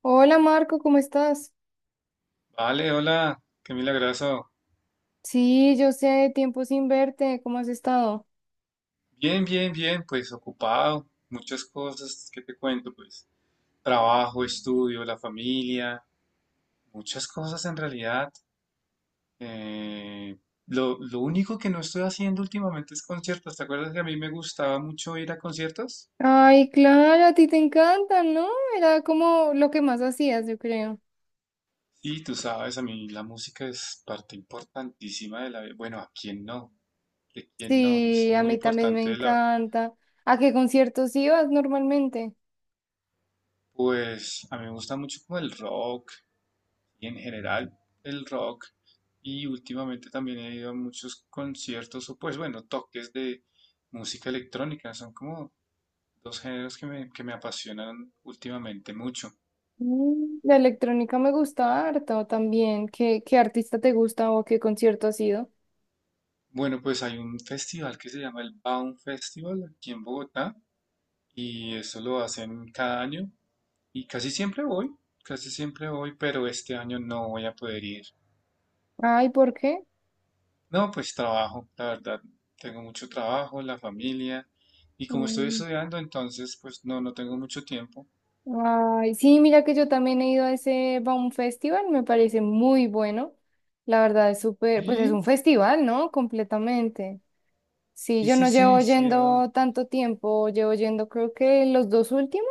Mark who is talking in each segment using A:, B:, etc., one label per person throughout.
A: Hola Marco, ¿cómo estás?
B: Vale, hola, qué milagroso.
A: Sí, yo sé, tiempo sin verte, ¿cómo has estado?
B: Bien, bien, bien, pues ocupado, muchas cosas, ¿qué te cuento? Pues trabajo, estudio, la familia, muchas cosas en realidad. Eh, lo único que no estoy haciendo últimamente es conciertos. ¿Te acuerdas que a mí me gustaba mucho ir a conciertos?
A: Ay, claro, a ti te encanta, ¿no? Era como lo que más hacías, yo creo.
B: Sí, tú sabes, a mí la música es parte importantísima de la vida. Bueno, ¿a quién no? ¿De quién no? Es
A: Sí, a
B: muy
A: mí también me
B: importante de la.
A: encanta. ¿A qué conciertos ibas normalmente?
B: Pues a mí me gusta mucho como el rock, y en general el rock. Y últimamente también he ido a muchos conciertos o pues bueno, toques de música electrónica. Son como dos géneros que me apasionan últimamente mucho.
A: Mm, la electrónica me gusta harto también. ¿¿Qué artista te gusta o a qué concierto has ido?
B: Bueno, pues hay un festival que se llama el Baum Festival aquí en Bogotá y eso lo hacen cada año y casi siempre voy, pero este año no voy a poder ir.
A: Ay, ¿por qué?
B: No, pues trabajo, la verdad, tengo mucho trabajo, la familia, y como estoy
A: Mm.
B: estudiando, entonces, pues no, no tengo mucho tiempo.
A: Ay, sí, mira que yo también he ido a ese Baum Festival, me parece muy bueno. La verdad es súper, pues es
B: Sí,
A: un festival, ¿no? Completamente. Sí,
B: sí,
A: yo
B: sí,
A: no llevo
B: sí, sí, oh,
A: yendo tanto tiempo, llevo yendo creo que los dos últimos,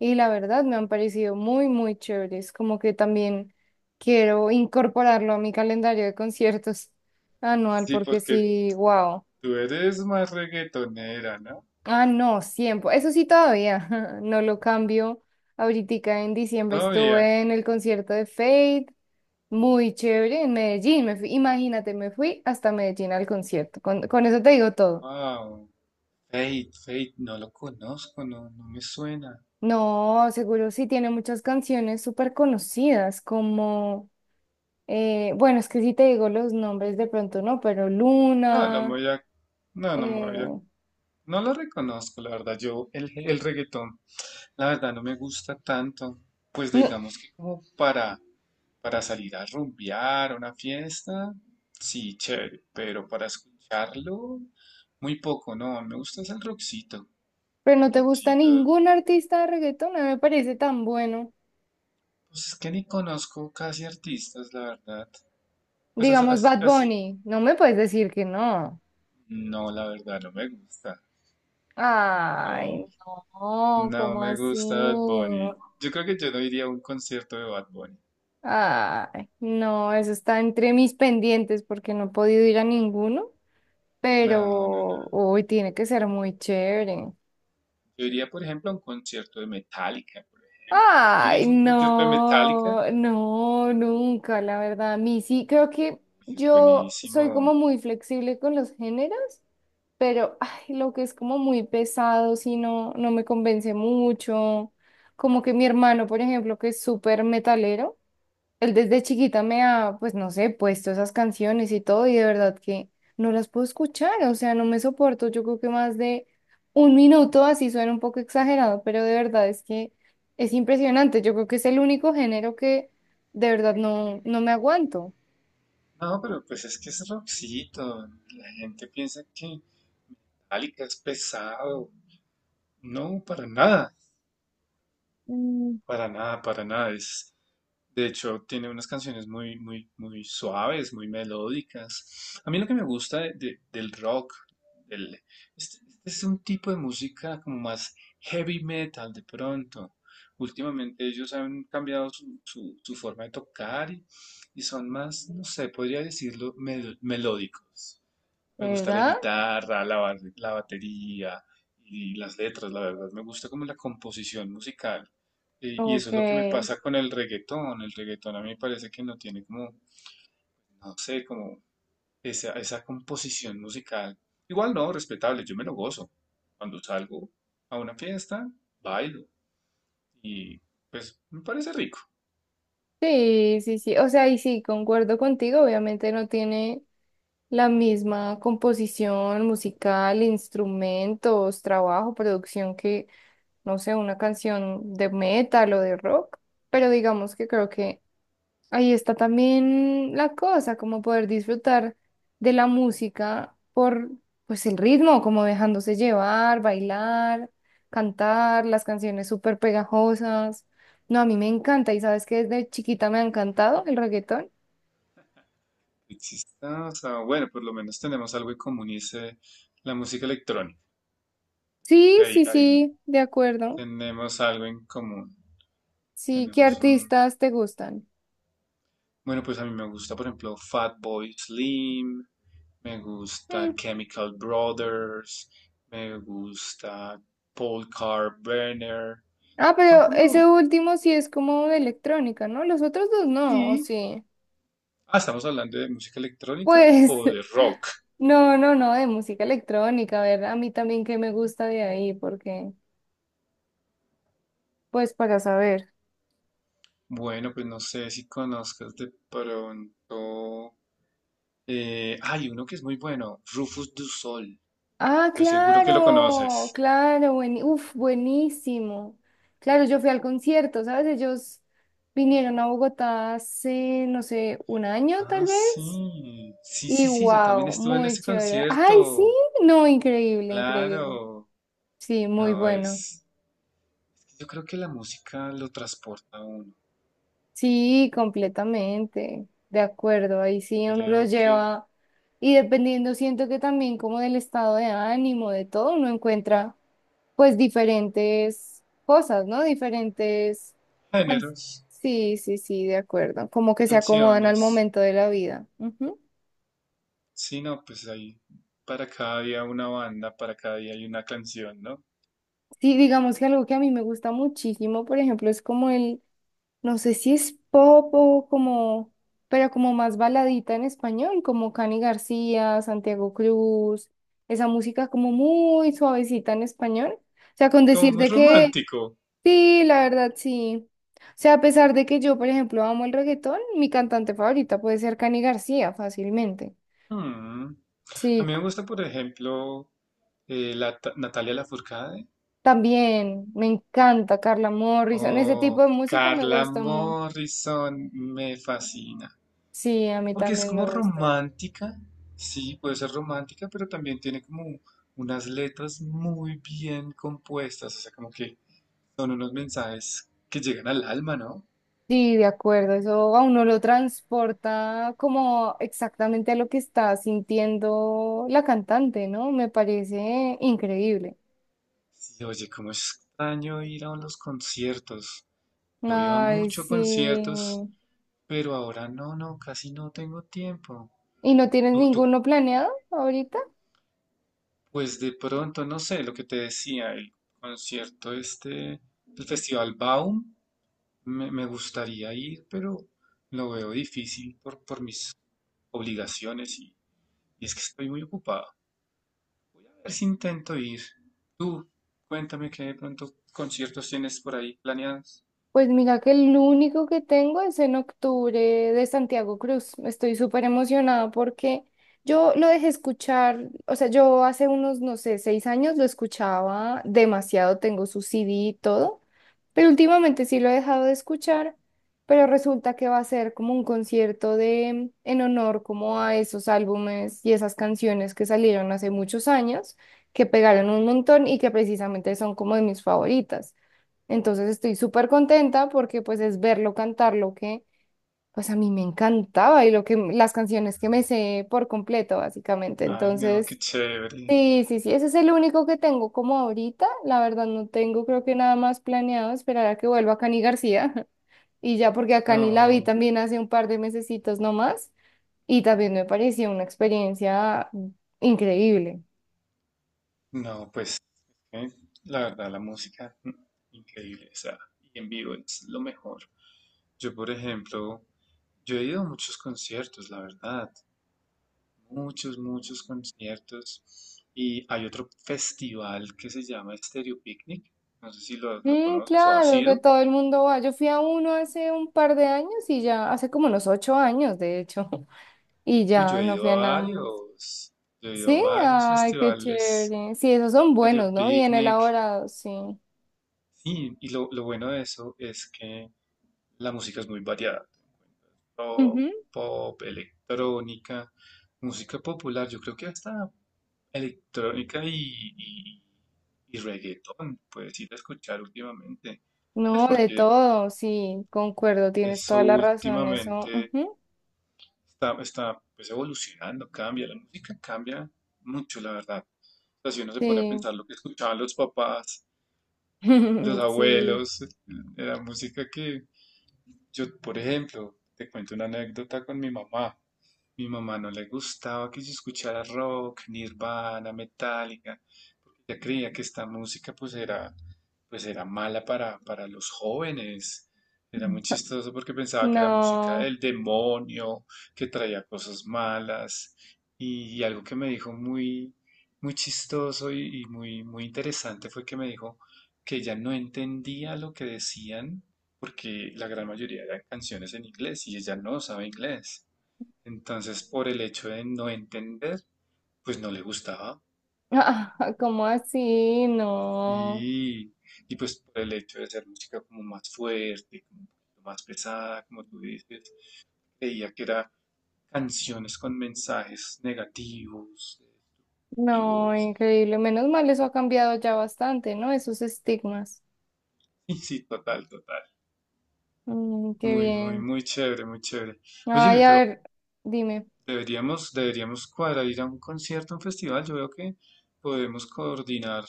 A: y la verdad me han parecido muy, muy chéveres, como que también quiero incorporarlo a mi calendario de conciertos anual
B: sí,
A: porque
B: porque
A: sí, wow.
B: tú eres más reggaetonera, ¿no?
A: Ah, no, siempre. Eso sí todavía, no lo cambio. Ahorita en diciembre
B: Todavía,
A: estuve en el concierto de Fate, muy chévere, en Medellín. Me fui, imagínate, me fui hasta Medellín al concierto. Con eso te digo todo.
B: wow, Fate, Fate, no lo conozco, no, no me suena.
A: No, seguro sí tiene muchas canciones súper conocidas, como, bueno, es que si te digo los nombres de pronto no, pero
B: No, no me
A: Luna,
B: voy a, no, no me voy
A: eh,
B: a, No lo reconozco, la verdad, el reggaetón, la verdad, no me gusta tanto, pues
A: no,
B: digamos que como para. Para salir a rumbear a una fiesta, sí, chévere, pero para escucharlo, muy poco, no, me gusta es el rockcito,
A: pero no te gusta
B: rockcito,
A: ningún artista de reggaetón, no me parece tan bueno.
B: pues es que ni conozco casi artistas, la verdad, pues
A: Digamos
B: así,
A: Bad
B: así,
A: Bunny, no me puedes decir que no.
B: no, la verdad, no me gusta,
A: Ay,
B: no,
A: no,
B: no
A: ¿cómo
B: me
A: así?
B: gusta Bad Bunny, yo creo que yo no iría a un concierto de Bad Bunny,
A: Ay, no, eso está entre mis pendientes porque no he podido ir a ninguno, pero
B: no, no, no,
A: hoy tiene que ser muy chévere.
B: yo iría, por ejemplo, a un concierto de Metallica, por ejemplo, yo iría
A: Ay,
B: a un concierto de Metallica,
A: no, no, nunca, la verdad. A mí sí, creo que
B: pues es
A: yo soy como
B: buenísimo.
A: muy flexible con los géneros. Pero ay, lo que es como muy pesado, si no, no me convence mucho. Como que mi hermano, por ejemplo, que es súper metalero, él desde chiquita me ha, pues no sé, puesto esas canciones y todo, y de verdad que no las puedo escuchar, o sea, no me soporto. Yo creo que más de un minuto, así suena un poco exagerado, pero de verdad es que es impresionante. Yo creo que es el único género que de verdad no, no me aguanto.
B: No, pero pues es que es rockcito. La gente piensa que Metallica es pesado. No, para nada.
A: Mm.
B: Para nada, para nada. Es, de hecho, tiene unas canciones muy, muy, muy suaves, muy melódicas. A mí lo que me gusta del rock, del, este, este es un tipo de música como más heavy metal de pronto. Últimamente ellos han cambiado su forma de tocar y son más, no sé, podría decirlo, melódicos. Me gusta la
A: ¿Verdad?
B: guitarra, la batería y las letras, la verdad. Me gusta como la composición musical. Y
A: Ok.
B: eso es lo que me pasa con el reggaetón. El reggaetón a mí me parece que no tiene como, no sé, como esa composición musical. Igual no, respetable, yo me lo gozo. Cuando salgo a una fiesta, bailo. Y pues me parece rico.
A: Sí, sí, sí. O sea, y sí, concuerdo contigo. Obviamente no tiene la misma composición musical, instrumentos, trabajo, producción que, no sé, una canción de metal o de rock. Pero digamos que creo que ahí está también la cosa, como poder disfrutar de la música por pues el ritmo, como dejándose llevar, bailar, cantar, las canciones súper pegajosas. No, a mí me encanta y sabes que desde chiquita me ha encantado el reggaetón.
B: Exista, o sea, bueno, por lo menos tenemos algo en común y es la música electrónica.
A: Sí, sí,
B: Ahí
A: sí, de acuerdo.
B: tenemos algo en común.
A: Sí, ¿qué
B: Tenemos un...
A: artistas te gustan?
B: Bueno, pues a mí me gusta, por ejemplo, Fatboy Slim, me gusta
A: Mm.
B: Chemical Brothers, me gusta Paul Carver.
A: Ah,
B: Son
A: pero ese
B: como...
A: último sí es como de electrónica, ¿no? Los otros dos no, ¿o
B: Y...
A: sí?
B: Ah, ¿estamos hablando de música electrónica
A: Pues
B: o de rock?
A: no, no, no, de música electrónica, a ver, a mí también que me gusta de ahí, porque, pues para saber.
B: Bueno, pues no sé si conozcas de pronto... hay uno que es muy bueno, Rufus Du Sol.
A: Ah,
B: Estoy seguro que lo
A: claro,
B: conoces.
A: claro, buen, uf, buenísimo. Claro, yo fui al concierto, ¿sabes? Ellos vinieron a Bogotá hace, no sé, un año
B: Ah,
A: tal vez.
B: sí. Sí,
A: Y
B: sí, sí, yo también
A: wow,
B: estuve en
A: muy
B: ese
A: chévere. Ay, sí,
B: concierto.
A: no, increíble, increíble.
B: Claro.
A: Sí, muy
B: No,
A: bueno.
B: es, yo creo que la música lo transporta a uno.
A: Sí, completamente, de acuerdo, ahí sí uno los
B: Creo que
A: lleva y dependiendo siento que también como del estado de ánimo, de todo, uno encuentra pues diferentes cosas, ¿no? Diferentes... can-
B: géneros,
A: Sí, sí, sí, de acuerdo, como que se acomodan al
B: canciones,
A: momento de la vida. Ujú.
B: sí, no, pues ahí para cada día una banda, para cada día hay una canción, ¿no?
A: Sí, digamos que algo que a mí me gusta muchísimo, por ejemplo, es como el... No sé si es pop o como, pero como más baladita en español, como Cani García, Santiago Cruz, esa música como muy suavecita en español. O sea, con
B: Como muy
A: decirte que
B: romántico.
A: sí, la verdad sí. O sea, a pesar de que yo, por ejemplo, amo el reggaetón, mi cantante favorita puede ser Cani García fácilmente.
B: Mm. A
A: Sí,
B: mí me gusta, por ejemplo, Natalia Lafourcade
A: también me encanta Carla Morrison, ese tipo
B: o
A: de música me
B: Carla
A: gusta mucho.
B: Morrison, me fascina.
A: Sí, a mí
B: Porque es
A: también me
B: como
A: gusta.
B: romántica, sí, puede ser romántica, pero también tiene como unas letras muy bien compuestas, o sea, como que son unos mensajes que llegan al alma, ¿no?
A: Sí, de acuerdo, eso a uno lo transporta como exactamente a lo que está sintiendo la cantante, ¿no? Me parece increíble.
B: Sí, oye, cómo extraño ir a los conciertos. Yo iba
A: Ay,
B: mucho a
A: sí.
B: conciertos, pero ahora no, no, casi no tengo tiempo.
A: ¿Y no tienes
B: Tú, tú,
A: ninguno planeado ahorita?
B: pues de pronto, no sé, lo que te decía, el concierto este, el Festival Baum. Me gustaría ir, pero lo veo difícil por mis obligaciones y es que estoy muy ocupado. A ver si intento ir. Tú, cuéntame qué de pronto conciertos tienes por ahí planeados.
A: Pues mira que el único que tengo es en octubre de Santiago Cruz. Estoy súper emocionada porque yo lo dejé escuchar, o sea, yo hace unos, no sé, 6 años lo escuchaba demasiado, tengo su CD y todo, pero últimamente sí lo he dejado de escuchar, pero resulta que va a ser como un concierto de, en honor como a esos álbumes y esas canciones que salieron hace muchos años, que pegaron un montón y que precisamente son como de mis favoritas. Entonces estoy súper contenta porque pues es verlo cantar lo que pues a mí me encantaba y lo que las canciones que me sé por completo básicamente.
B: Ay, no, qué
A: Entonces,
B: chévere.
A: sí, sí, sí, ese es el único que tengo como ahorita. La verdad no tengo creo que nada más planeado, esperar a que vuelva Cani García. Y ya porque a Cani la vi
B: No,
A: también hace un par de mesecitos nomás y también me pareció una experiencia increíble.
B: no, pues eh, la verdad, la música, mm, increíble. O sea, y en vivo es lo mejor. Yo, por ejemplo, yo he ido a muchos conciertos, la verdad. Muchos, muchos conciertos y hay otro festival que se llama Stereo Picnic, no sé si lo
A: Mm,
B: conoces o has
A: claro, que
B: ido.
A: todo el mundo va. Yo fui a uno hace un par de años y ya, hace como unos 8 años, de hecho, y
B: Uy, yo
A: ya
B: he
A: no
B: ido
A: fui a
B: a
A: nada más.
B: varios, yo he ido a
A: Sí,
B: varios
A: ay, qué
B: festivales,
A: chévere. Sí, esos son
B: Stereo
A: buenos, ¿no? Bien
B: Picnic,
A: elaborados, sí.
B: sí, y lo bueno de eso es que la música es muy variada, rock,
A: Ujú.
B: pop, electrónica, música popular, yo creo que hasta electrónica y, y reggaetón, puedes ir a escuchar últimamente. Pues
A: No, de
B: porque
A: todo, sí, concuerdo, tienes
B: eso
A: toda la razón, eso.
B: últimamente
A: Ujú.
B: está pues, evolucionando, cambia, la música cambia mucho, la verdad. O sea, si uno se pone a
A: Sí,
B: pensar lo que escuchaban los papás, los
A: sí.
B: abuelos, la música que yo, por ejemplo, te cuento una anécdota con mi mamá. Mi mamá no le gustaba que yo escuchara rock, Nirvana, Metallica. Ella creía que esta música pues era mala para los jóvenes. Era muy chistoso porque pensaba que era música
A: No,
B: del demonio, que traía cosas malas. Y algo que me dijo muy, muy chistoso y muy, muy interesante fue que me dijo que ella no entendía lo que decían porque la gran mayoría eran canciones en inglés y ella no sabe inglés. Entonces, por el hecho de no entender, pues no le gustaba.
A: ¿cómo así? No,
B: Y, y pues por el hecho de hacer música como más fuerte, como un poquito más pesada, como tú dices, creía que era canciones con mensajes negativos,
A: no,
B: destructivos.
A: increíble. Menos mal eso ha cambiado ya bastante, ¿no? Esos estigmas.
B: Sí, sí, total, total.
A: Mm, qué
B: Muy, muy,
A: bien.
B: muy chévere, muy chévere. Óyeme,
A: Ay, a
B: pero
A: ver, dime.
B: deberíamos cuadrar ir a un concierto, a un festival. Yo veo que podemos coordinar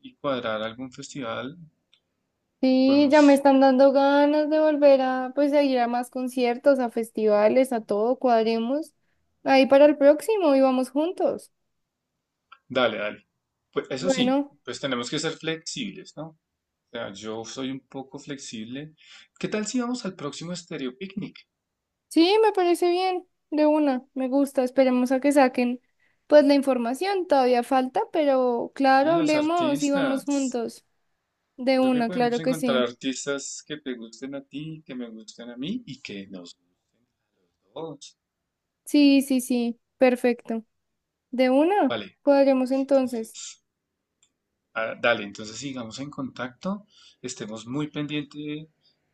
B: y cuadrar algún festival.
A: Sí, ya me
B: Podemos.
A: están dando ganas de volver a, pues, a ir a más conciertos, a festivales, a todo, cuadremos. Ahí para el próximo y vamos juntos.
B: Dale, dale. Pues eso sí,
A: Bueno,
B: pues tenemos que ser flexibles, ¿no? Sea, yo soy un poco flexible. ¿Qué tal si vamos al próximo Stereo Picnic?
A: sí, me parece bien. De una, me gusta. Esperemos a que saquen, pues, la información. Todavía falta, pero claro,
B: Y los
A: hablemos y vamos
B: artistas.
A: juntos.
B: Yo
A: De
B: creo que
A: una,
B: podemos
A: claro que
B: encontrar
A: sí.
B: artistas que te gusten a ti, que me gusten a mí y que nos gusten a los dos.
A: Sí, sí, sí. Perfecto. De una,
B: Vale,
A: cuadremos entonces.
B: entonces, ah, dale, entonces sigamos en contacto. Estemos muy pendientes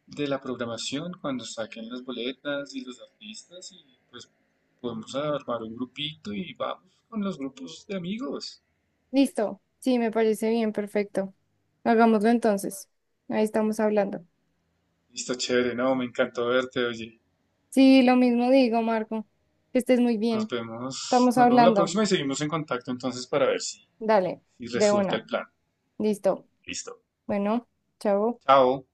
B: de la programación cuando saquen las boletas y los artistas y pues podemos armar un grupito y vamos con los grupos de amigos.
A: Listo. Sí, me parece bien, perfecto. Hagámoslo entonces. Ahí estamos hablando.
B: Listo, chévere, no, me encantó verte, oye.
A: Sí, lo mismo digo, Marco. Que estés muy bien. Estamos
B: Nos vemos la
A: hablando.
B: próxima y seguimos en contacto entonces para ver si,
A: Dale,
B: si
A: de
B: resulta el
A: una.
B: plan.
A: Listo.
B: Listo.
A: Bueno, chao.
B: Chao.